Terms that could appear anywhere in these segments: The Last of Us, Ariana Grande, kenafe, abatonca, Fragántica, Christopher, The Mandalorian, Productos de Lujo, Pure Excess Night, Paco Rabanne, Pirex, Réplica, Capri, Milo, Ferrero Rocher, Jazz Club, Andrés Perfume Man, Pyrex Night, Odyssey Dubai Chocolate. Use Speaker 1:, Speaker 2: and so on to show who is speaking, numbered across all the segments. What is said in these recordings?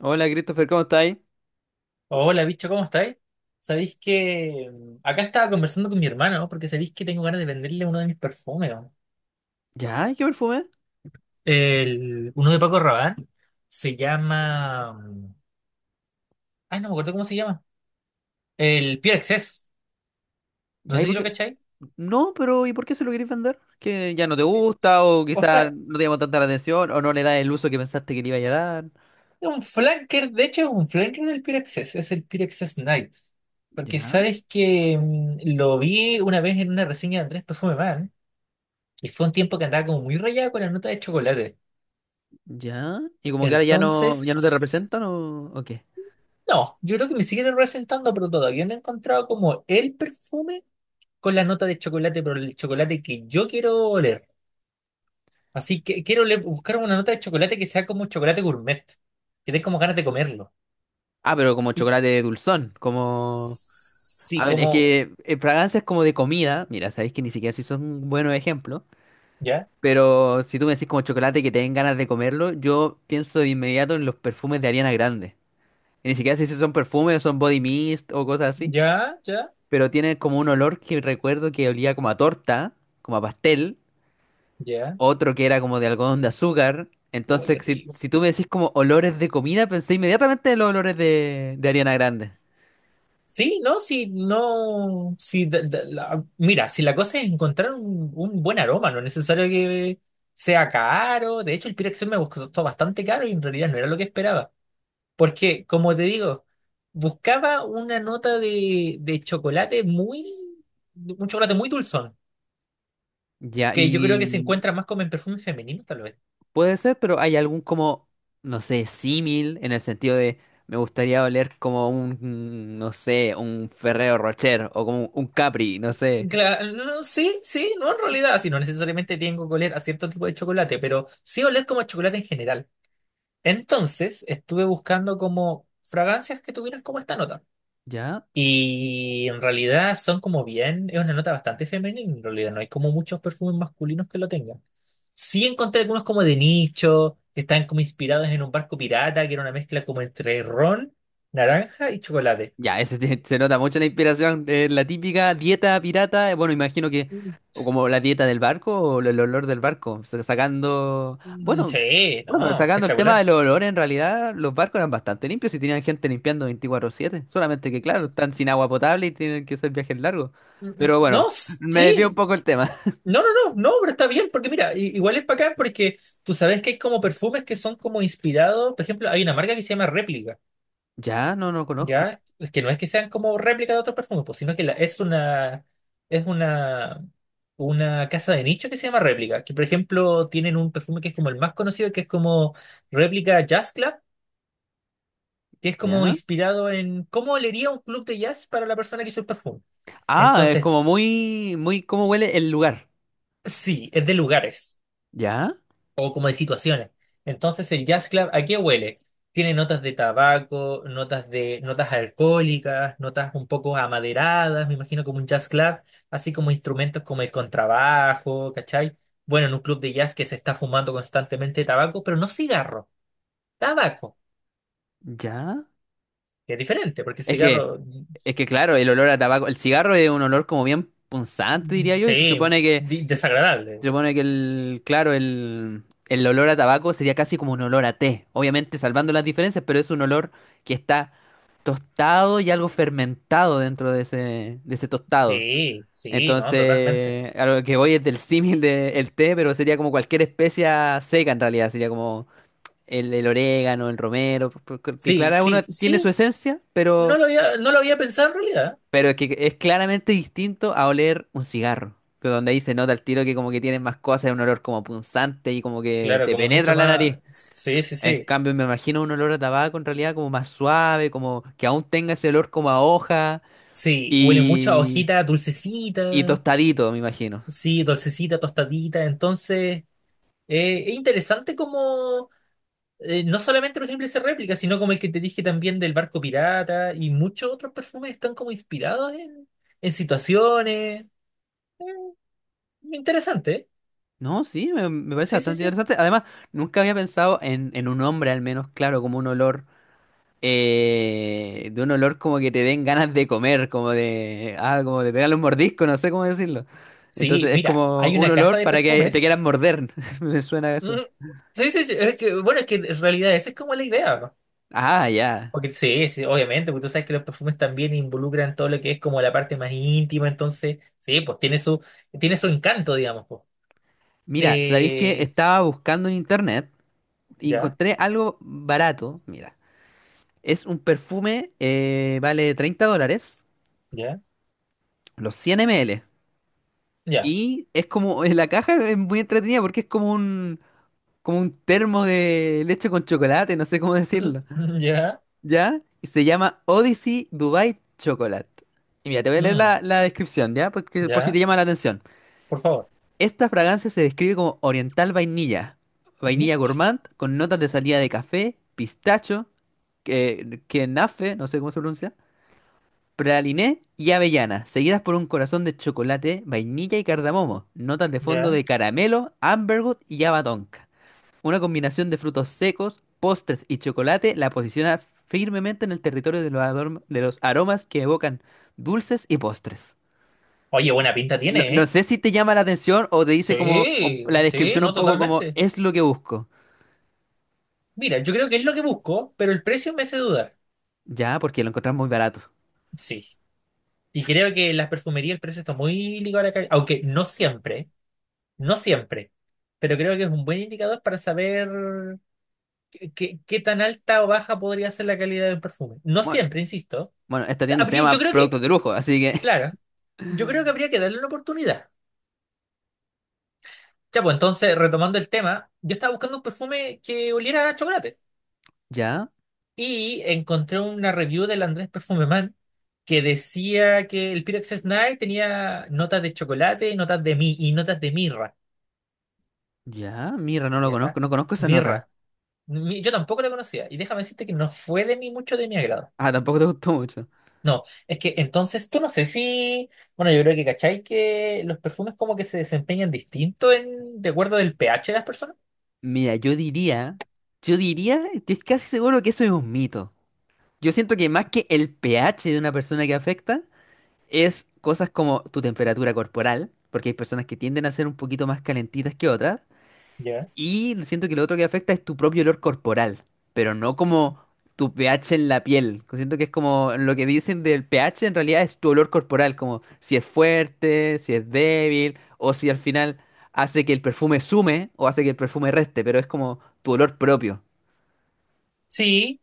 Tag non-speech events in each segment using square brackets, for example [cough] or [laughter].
Speaker 1: Hola Christopher, ¿cómo estáis?
Speaker 2: Hola, bicho, ¿cómo estáis? Sabéis que acá estaba conversando con mi hermano porque sabéis que tengo ganas de venderle uno de mis perfumes, ¿no?
Speaker 1: ¿Ya? ¿Qué perfume?
Speaker 2: El, uno de Paco Rabanne se llama. Ay, no me acuerdo cómo se llama. El Pure Excess. No
Speaker 1: ¿Ya? ¿Y
Speaker 2: sé si
Speaker 1: por
Speaker 2: lo
Speaker 1: qué?
Speaker 2: cacháis.
Speaker 1: No, pero ¿y por qué se lo queréis vender? ¿Que ya no te
Speaker 2: Eh,
Speaker 1: gusta o
Speaker 2: O
Speaker 1: quizás
Speaker 2: sea,
Speaker 1: no te llama tanta la atención o no le das el uso que pensaste que le iba a dar?
Speaker 2: es un flanker, de hecho, es un flanker del Pure Excess. Es el Pure Excess Night. Porque
Speaker 1: ¿Ya?
Speaker 2: sabes que lo vi una vez en una reseña de Andrés Perfume Man y fue un tiempo que andaba como muy rayado con la nota de chocolate.
Speaker 1: ¿Ya? ¿Y como que ahora ya no te
Speaker 2: Entonces.
Speaker 1: representan o qué?
Speaker 2: No, yo creo que me sigue representando, pero todavía no he encontrado como el perfume con la nota de chocolate, pero el chocolate que yo quiero oler. Así que buscar una nota de chocolate que sea como chocolate gourmet, que dé como ganas de comerlo.
Speaker 1: Ah, pero como
Speaker 2: Y
Speaker 1: chocolate dulzón, como.
Speaker 2: sí,
Speaker 1: A ver, es
Speaker 2: como,
Speaker 1: que fragancias como de comida, mira, sabéis que ni siquiera si son buenos ejemplos,
Speaker 2: ya,
Speaker 1: pero si tú me decís como chocolate que te den ganas de comerlo, yo pienso de inmediato en los perfumes de Ariana Grande. Ni siquiera sé si son perfumes, son body mist o cosas así,
Speaker 2: ya, ya,
Speaker 1: pero tiene como un olor que recuerdo que olía como a torta, como a pastel,
Speaker 2: ya.
Speaker 1: otro que era como de algodón de azúcar.
Speaker 2: Uy,
Speaker 1: Entonces,
Speaker 2: qué
Speaker 1: si,
Speaker 2: rico.
Speaker 1: si tú me decís como olores de comida, pensé inmediatamente en los olores de Ariana Grande.
Speaker 2: Sí, no, sí, no, sí, mira, si la cosa es encontrar un buen aroma, no es necesario que sea caro. De hecho, el Pirex me costó bastante caro y en realidad no era lo que esperaba. Porque, como te digo, buscaba una nota de chocolate muy, un chocolate muy dulzón,
Speaker 1: Ya,
Speaker 2: que yo creo que
Speaker 1: y
Speaker 2: se encuentra más como en perfumes femeninos, tal vez.
Speaker 1: puede ser, pero hay algún como, no sé, símil en el sentido de me gustaría oler como un, no sé, un Ferrero Rocher o como un Capri, no sé.
Speaker 2: Claro, no, sí, sí, no en realidad, si no necesariamente tengo que oler a cierto tipo de chocolate, pero sí oler como a chocolate en general. Entonces, estuve buscando como fragancias que tuvieran como esta nota.
Speaker 1: ¿Ya?
Speaker 2: Y en realidad son como bien, es una nota bastante femenina, en realidad no hay como muchos perfumes masculinos que lo tengan. Sí encontré algunos como de nicho, que están como inspirados en un barco pirata, que era una mezcla como entre ron, naranja y chocolate.
Speaker 1: Ya, se nota mucho la inspiración. La típica dieta pirata, bueno, imagino que,
Speaker 2: Mm.
Speaker 1: o como la dieta del barco, o el olor del barco, sacando,
Speaker 2: Mm,
Speaker 1: bueno,
Speaker 2: sí,
Speaker 1: bueno,
Speaker 2: no,
Speaker 1: sacando el tema
Speaker 2: espectacular.
Speaker 1: del olor, en realidad los barcos eran bastante limpios y tenían gente limpiando 24/7 solamente que, claro,
Speaker 2: Sí.
Speaker 1: están sin agua potable y tienen que hacer viajes largos.
Speaker 2: Mm, mm,
Speaker 1: Pero bueno,
Speaker 2: no,
Speaker 1: me desvío un
Speaker 2: sí,
Speaker 1: poco el tema. [laughs]
Speaker 2: no, no, no, no, pero está bien, porque mira, igual es bacán porque tú sabes que hay como perfumes que son como inspirados, por ejemplo, hay una marca que se llama Réplica.
Speaker 1: Ya, no, no conozco.
Speaker 2: Ya, es que no es que sean como réplica de otros perfumes, pues, sino que es una casa de nicho que se llama réplica. Que por ejemplo tienen un perfume que es como el más conocido, que es como réplica Jazz Club, que es como
Speaker 1: Ya.
Speaker 2: inspirado en cómo olería un club de jazz para la persona que hizo el perfume.
Speaker 1: Ah, es
Speaker 2: Entonces,
Speaker 1: como muy, muy, cómo huele el lugar.
Speaker 2: sí, es de lugares,
Speaker 1: Ya,
Speaker 2: o como de situaciones. Entonces, el jazz club, ¿a qué huele? Tiene notas de tabaco, notas de notas alcohólicas, notas un poco amaderadas, me imagino como un jazz club, así como instrumentos como el contrabajo, ¿cachai? Bueno, en un club de jazz que se está fumando constantemente tabaco, pero no cigarro, tabaco,
Speaker 1: ya.
Speaker 2: que es diferente, porque el
Speaker 1: Es que...
Speaker 2: cigarro,
Speaker 1: Es que claro, el olor a tabaco, el cigarro es un olor como bien punzante, diría
Speaker 2: mm,
Speaker 1: yo, y se
Speaker 2: sí,
Speaker 1: supone que, se
Speaker 2: desagradable.
Speaker 1: supone que el, claro, el olor a tabaco sería casi como un olor a té, obviamente salvando las diferencias, pero es un olor que está tostado y algo fermentado dentro de ese, tostado.
Speaker 2: Sí, sí, no, totalmente.
Speaker 1: Entonces, a lo que voy es del símil del té, pero sería como cualquier especia seca en realidad, sería como el, orégano, el romero, porque
Speaker 2: Sí,
Speaker 1: claro, uno
Speaker 2: sí,
Speaker 1: tiene su
Speaker 2: sí,
Speaker 1: esencia,
Speaker 2: no
Speaker 1: pero
Speaker 2: lo había, no lo había pensado en realidad.
Speaker 1: pero es que es claramente distinto a oler un cigarro, que donde ahí se nota el tiro que como que tienen más cosas, es un olor como punzante y como que
Speaker 2: Claro,
Speaker 1: te
Speaker 2: como
Speaker 1: penetra
Speaker 2: mucho
Speaker 1: la
Speaker 2: más.
Speaker 1: nariz.
Speaker 2: Sí, sí,
Speaker 1: En
Speaker 2: sí.
Speaker 1: cambio, me imagino un olor a tabaco en realidad como más suave, como que aún tenga ese olor como a hoja
Speaker 2: Sí, huele mucho a
Speaker 1: y,
Speaker 2: hojita
Speaker 1: y
Speaker 2: dulcecita.
Speaker 1: tostadito, me imagino.
Speaker 2: Sí, dulcecita, tostadita. Entonces, es interesante como no solamente los ejemplos de réplica, sino como el que te dije también del barco pirata y muchos otros perfumes están como inspirados en situaciones. Interesante, ¿eh?
Speaker 1: No, sí, me parece
Speaker 2: Sí, sí,
Speaker 1: bastante
Speaker 2: sí.
Speaker 1: interesante. Además, nunca había pensado en un hombre al menos, claro, como un olor. De un olor como que te den ganas de comer, como de, ah, como de pegarle un mordisco, no sé cómo decirlo.
Speaker 2: Sí,
Speaker 1: Entonces es
Speaker 2: mira,
Speaker 1: como
Speaker 2: hay
Speaker 1: un
Speaker 2: una casa
Speaker 1: olor
Speaker 2: de
Speaker 1: para que te quieran
Speaker 2: perfumes.
Speaker 1: morder. [laughs] Me suena a
Speaker 2: Mm,
Speaker 1: eso.
Speaker 2: sí, sí, sí. Es que, bueno, es que en realidad esa es como la idea.
Speaker 1: Ah, ya.
Speaker 2: Porque, sí, sí, obviamente, porque tú sabes que los perfumes también involucran todo lo que es como la parte más íntima, entonces, sí, pues tiene su encanto, digamos, pues.
Speaker 1: Mira, ¿sabéis que
Speaker 2: Eh,
Speaker 1: estaba buscando en internet y
Speaker 2: ya,
Speaker 1: encontré algo barato? Mira, es un perfume, vale 30 dólares,
Speaker 2: ya,
Speaker 1: los 100 ml.
Speaker 2: ya,
Speaker 1: Y es como, en la caja es muy entretenida porque es como un termo de leche con chocolate, no sé cómo
Speaker 2: mm,
Speaker 1: decirlo. ¿Ya? Y se llama Odyssey Dubai Chocolate. Y mira, te voy a leer
Speaker 2: mm,
Speaker 1: la descripción, ¿ya? Porque, por si te
Speaker 2: ya,
Speaker 1: llama la atención.
Speaker 2: por favor,
Speaker 1: Esta fragancia se describe como oriental vainilla, vainilla
Speaker 2: Mitch,
Speaker 1: gourmand, con notas de salida de café, pistacho, que, kenafe, no sé cómo se pronuncia, praliné y avellana, seguidas por un corazón de chocolate, vainilla y cardamomo, notas de fondo
Speaker 2: ya.
Speaker 1: de caramelo, amberwood y abatonca. Una combinación de frutos secos, postres y chocolate la posiciona firmemente en el territorio de de los aromas que evocan dulces y postres.
Speaker 2: Oye, buena pinta
Speaker 1: No,
Speaker 2: tiene,
Speaker 1: no
Speaker 2: ¿eh?
Speaker 1: sé si te llama la atención o te dice como
Speaker 2: Sí,
Speaker 1: la
Speaker 2: sí,
Speaker 1: descripción un
Speaker 2: no,
Speaker 1: poco como
Speaker 2: totalmente.
Speaker 1: es lo que busco.
Speaker 2: Mira, yo creo que es lo que busco, pero el precio me hace dudar.
Speaker 1: Ya, porque lo encontramos muy barato.
Speaker 2: Sí, y creo que en las perfumerías el precio está muy ligado a la calidad, aunque no siempre. No siempre, pero creo que es un buen indicador para saber qué tan alta o baja podría ser la calidad del perfume. No
Speaker 1: Bueno,
Speaker 2: siempre, insisto.
Speaker 1: bueno, esta tienda se
Speaker 2: Yo
Speaker 1: llama
Speaker 2: creo que,
Speaker 1: Productos de Lujo, así que.
Speaker 2: claro, yo creo que
Speaker 1: [laughs]
Speaker 2: habría que darle una oportunidad. Ya, pues entonces, retomando el tema, yo estaba buscando un perfume que oliera a chocolate
Speaker 1: Ya,
Speaker 2: y encontré una review del Andrés Perfume Man que decía que el Pyrex Night tenía notas de chocolate, notas de mi y notas de mirra.
Speaker 1: ya, mira, no lo conozco,
Speaker 2: ¿Ya?
Speaker 1: no conozco esa nota.
Speaker 2: Mirra. Yo tampoco la conocía. Y déjame decirte que no fue de mí mucho de mi agrado.
Speaker 1: Ah, tampoco te gustó mucho.
Speaker 2: No, es que entonces tú no sé si. Bueno, yo creo que cachai que los perfumes como que se desempeñan distinto en, de acuerdo del pH de las personas.
Speaker 1: Mira, yo diría, estoy casi seguro que eso es un mito. Yo siento que más que el pH de una persona que afecta, es cosas como tu temperatura corporal, porque hay personas que tienden a ser un poquito más calentitas que otras,
Speaker 2: ¿Ya?
Speaker 1: y siento que lo otro que afecta es tu propio olor corporal, pero no como tu pH en la piel. Siento que es como lo que dicen del pH en realidad es tu olor corporal, como si es fuerte, si es débil, o si al final hace que el perfume sume o hace que el perfume reste, pero es como tu olor propio.
Speaker 2: Sí,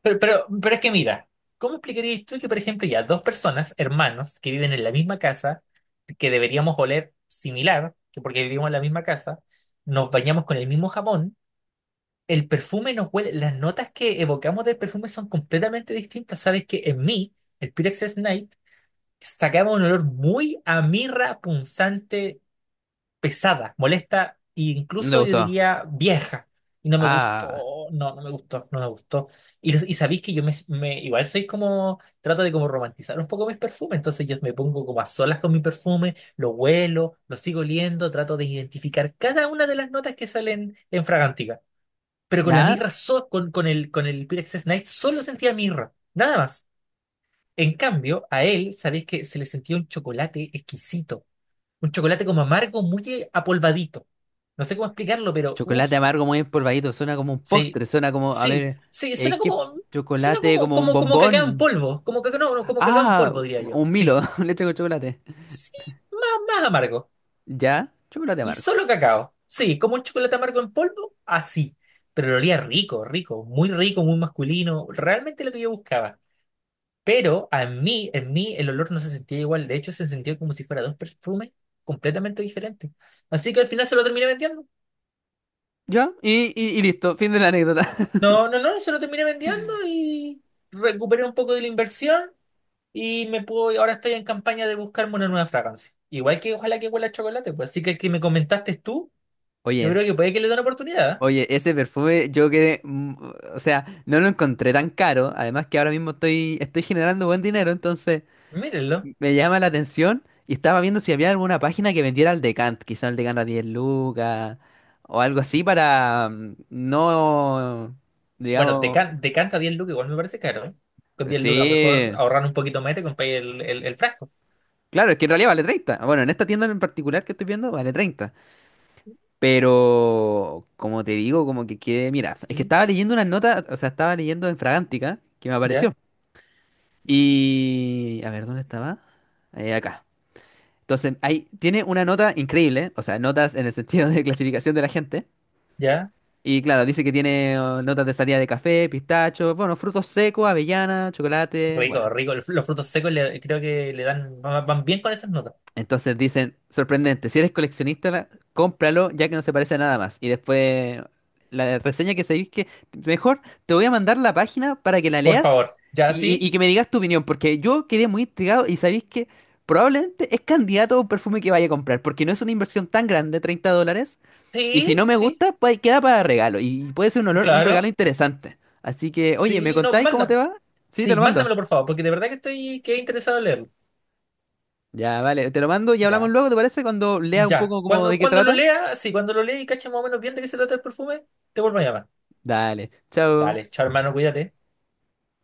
Speaker 2: pero es que mira, ¿cómo explicarías tú que, por ejemplo, ya dos personas, hermanos, que viven en la misma casa, que deberíamos oler similar, que porque vivimos en la misma casa, nos bañamos con el mismo jabón? El perfume nos huele, las notas que evocamos del perfume son completamente distintas. Sabes que en mí, el Pyrex Night, sacaba un olor muy a mirra punzante, pesada, molesta e
Speaker 1: No me
Speaker 2: incluso yo
Speaker 1: gustó.
Speaker 2: diría vieja. Y no me
Speaker 1: Ah,
Speaker 2: gustó, no, no me gustó, no me gustó. Y, y sabéis que igual soy como, trato de como romantizar un poco mis perfumes, entonces yo me pongo como a solas con mi perfume, lo huelo, lo sigo oliendo, trato de identificar cada una de las notas que salen en Fragántica, pero con la
Speaker 1: ¿ya?
Speaker 2: mirra, con el Pyrex Knight solo sentía mirra, nada más. En cambio, a él, sabéis que se le sentía un chocolate exquisito, un chocolate como amargo, muy apolvadito. No sé cómo explicarlo, pero
Speaker 1: Chocolate
Speaker 2: uff,
Speaker 1: amargo muy empolvadito, suena como un
Speaker 2: sí,
Speaker 1: postre, suena como, a
Speaker 2: sí,
Speaker 1: ver,
Speaker 2: sí,
Speaker 1: ¿qué
Speaker 2: suena
Speaker 1: chocolate?
Speaker 2: como,
Speaker 1: Como un
Speaker 2: como, como cacao en
Speaker 1: bombón.
Speaker 2: polvo, como cacao, no, no, como cacao en
Speaker 1: Ah,
Speaker 2: polvo, diría yo,
Speaker 1: un
Speaker 2: sí,
Speaker 1: Milo, [laughs] leche con chocolate.
Speaker 2: sí, más amargo,
Speaker 1: Ya, chocolate
Speaker 2: y
Speaker 1: amargo.
Speaker 2: solo cacao, sí, como un chocolate amargo en polvo, así. Pero lo olía rico, rico, muy masculino, realmente lo que yo buscaba. Pero a mí, en mí, el olor no se sentía igual. De hecho, se sentía como si fuera dos perfumes completamente diferentes. Así que al final se lo terminé vendiendo.
Speaker 1: Ya, y listo, fin de la anécdota.
Speaker 2: No, no, no, se lo terminé vendiendo y recuperé un poco de la inversión y me puedo, ahora estoy en campaña de buscarme una nueva fragancia. Igual que ojalá que huela a chocolate, pues. Así que el que me comentaste tú,
Speaker 1: [laughs] Oye,
Speaker 2: yo
Speaker 1: es-
Speaker 2: creo que puede que le dé una oportunidad, ¿eh?
Speaker 1: oye, ese perfume yo quedé, o sea, no lo encontré tan caro, además que ahora mismo estoy generando buen dinero, entonces.
Speaker 2: Mírenlo.
Speaker 1: Me llama la atención y estaba viendo si había alguna página que vendiera el Decant, quizá el Decant a 10 lucas o algo así para no,
Speaker 2: Bueno,
Speaker 1: digamos,
Speaker 2: decanta 10 lucas, igual me parece caro, ¿eh? Con 10 lucas mejor
Speaker 1: sí,
Speaker 2: ahorrar un poquito más y te compras el frasco.
Speaker 1: claro, es que en realidad vale 30. Bueno, en esta tienda en particular que estoy viendo vale 30, pero como te digo, como que quede, mira, es que
Speaker 2: Sí.
Speaker 1: estaba leyendo unas notas, o sea, estaba leyendo en Fragántica que me apareció
Speaker 2: ¿Ya?
Speaker 1: y, a ver, ¿dónde estaba? Acá. Entonces, ahí tiene una nota increíble, o sea, notas en el sentido de [laughs] clasificación de la gente.
Speaker 2: ¿Ya?
Speaker 1: Y claro, dice que tiene oh, notas de salida de café, pistacho, bueno, frutos secos, avellana, chocolate,
Speaker 2: Rico,
Speaker 1: bueno.
Speaker 2: rico. Los frutos secos creo que le dan, van bien con esas notas.
Speaker 1: Entonces dicen, sorprendente, si eres coleccionista, cómpralo ya que no se parece a nada más. Y después la reseña que sabéis que mejor te voy a mandar la página para que la
Speaker 2: Por
Speaker 1: leas
Speaker 2: favor. Ya,
Speaker 1: y, y-
Speaker 2: sí,
Speaker 1: y que me digas tu opinión, porque yo quedé muy intrigado y sabéis que probablemente es candidato a un perfume que vaya a comprar, porque no es una inversión tan grande, 30 dólares, y si
Speaker 2: sí,
Speaker 1: no me
Speaker 2: sí,
Speaker 1: gusta, pues queda para regalo y puede ser un un regalo
Speaker 2: claro.
Speaker 1: interesante. Así que, oye, ¿me
Speaker 2: Sí, no,
Speaker 1: contáis cómo te
Speaker 2: mándame.
Speaker 1: va? Sí, te
Speaker 2: Sí,
Speaker 1: lo mando.
Speaker 2: mándamelo, por favor, porque de verdad que estoy que he interesado en leerlo.
Speaker 1: Ya, vale, te lo mando y hablamos
Speaker 2: Ya,
Speaker 1: luego, ¿te parece? Cuando lea un
Speaker 2: ya.
Speaker 1: poco como
Speaker 2: Cuando,
Speaker 1: de qué
Speaker 2: cuando lo
Speaker 1: trata.
Speaker 2: lea, sí, cuando lo lea y cache más o menos bien de qué se trata el perfume, te vuelvo a llamar.
Speaker 1: Dale, chao.
Speaker 2: Dale, chao, hermano, cuídate.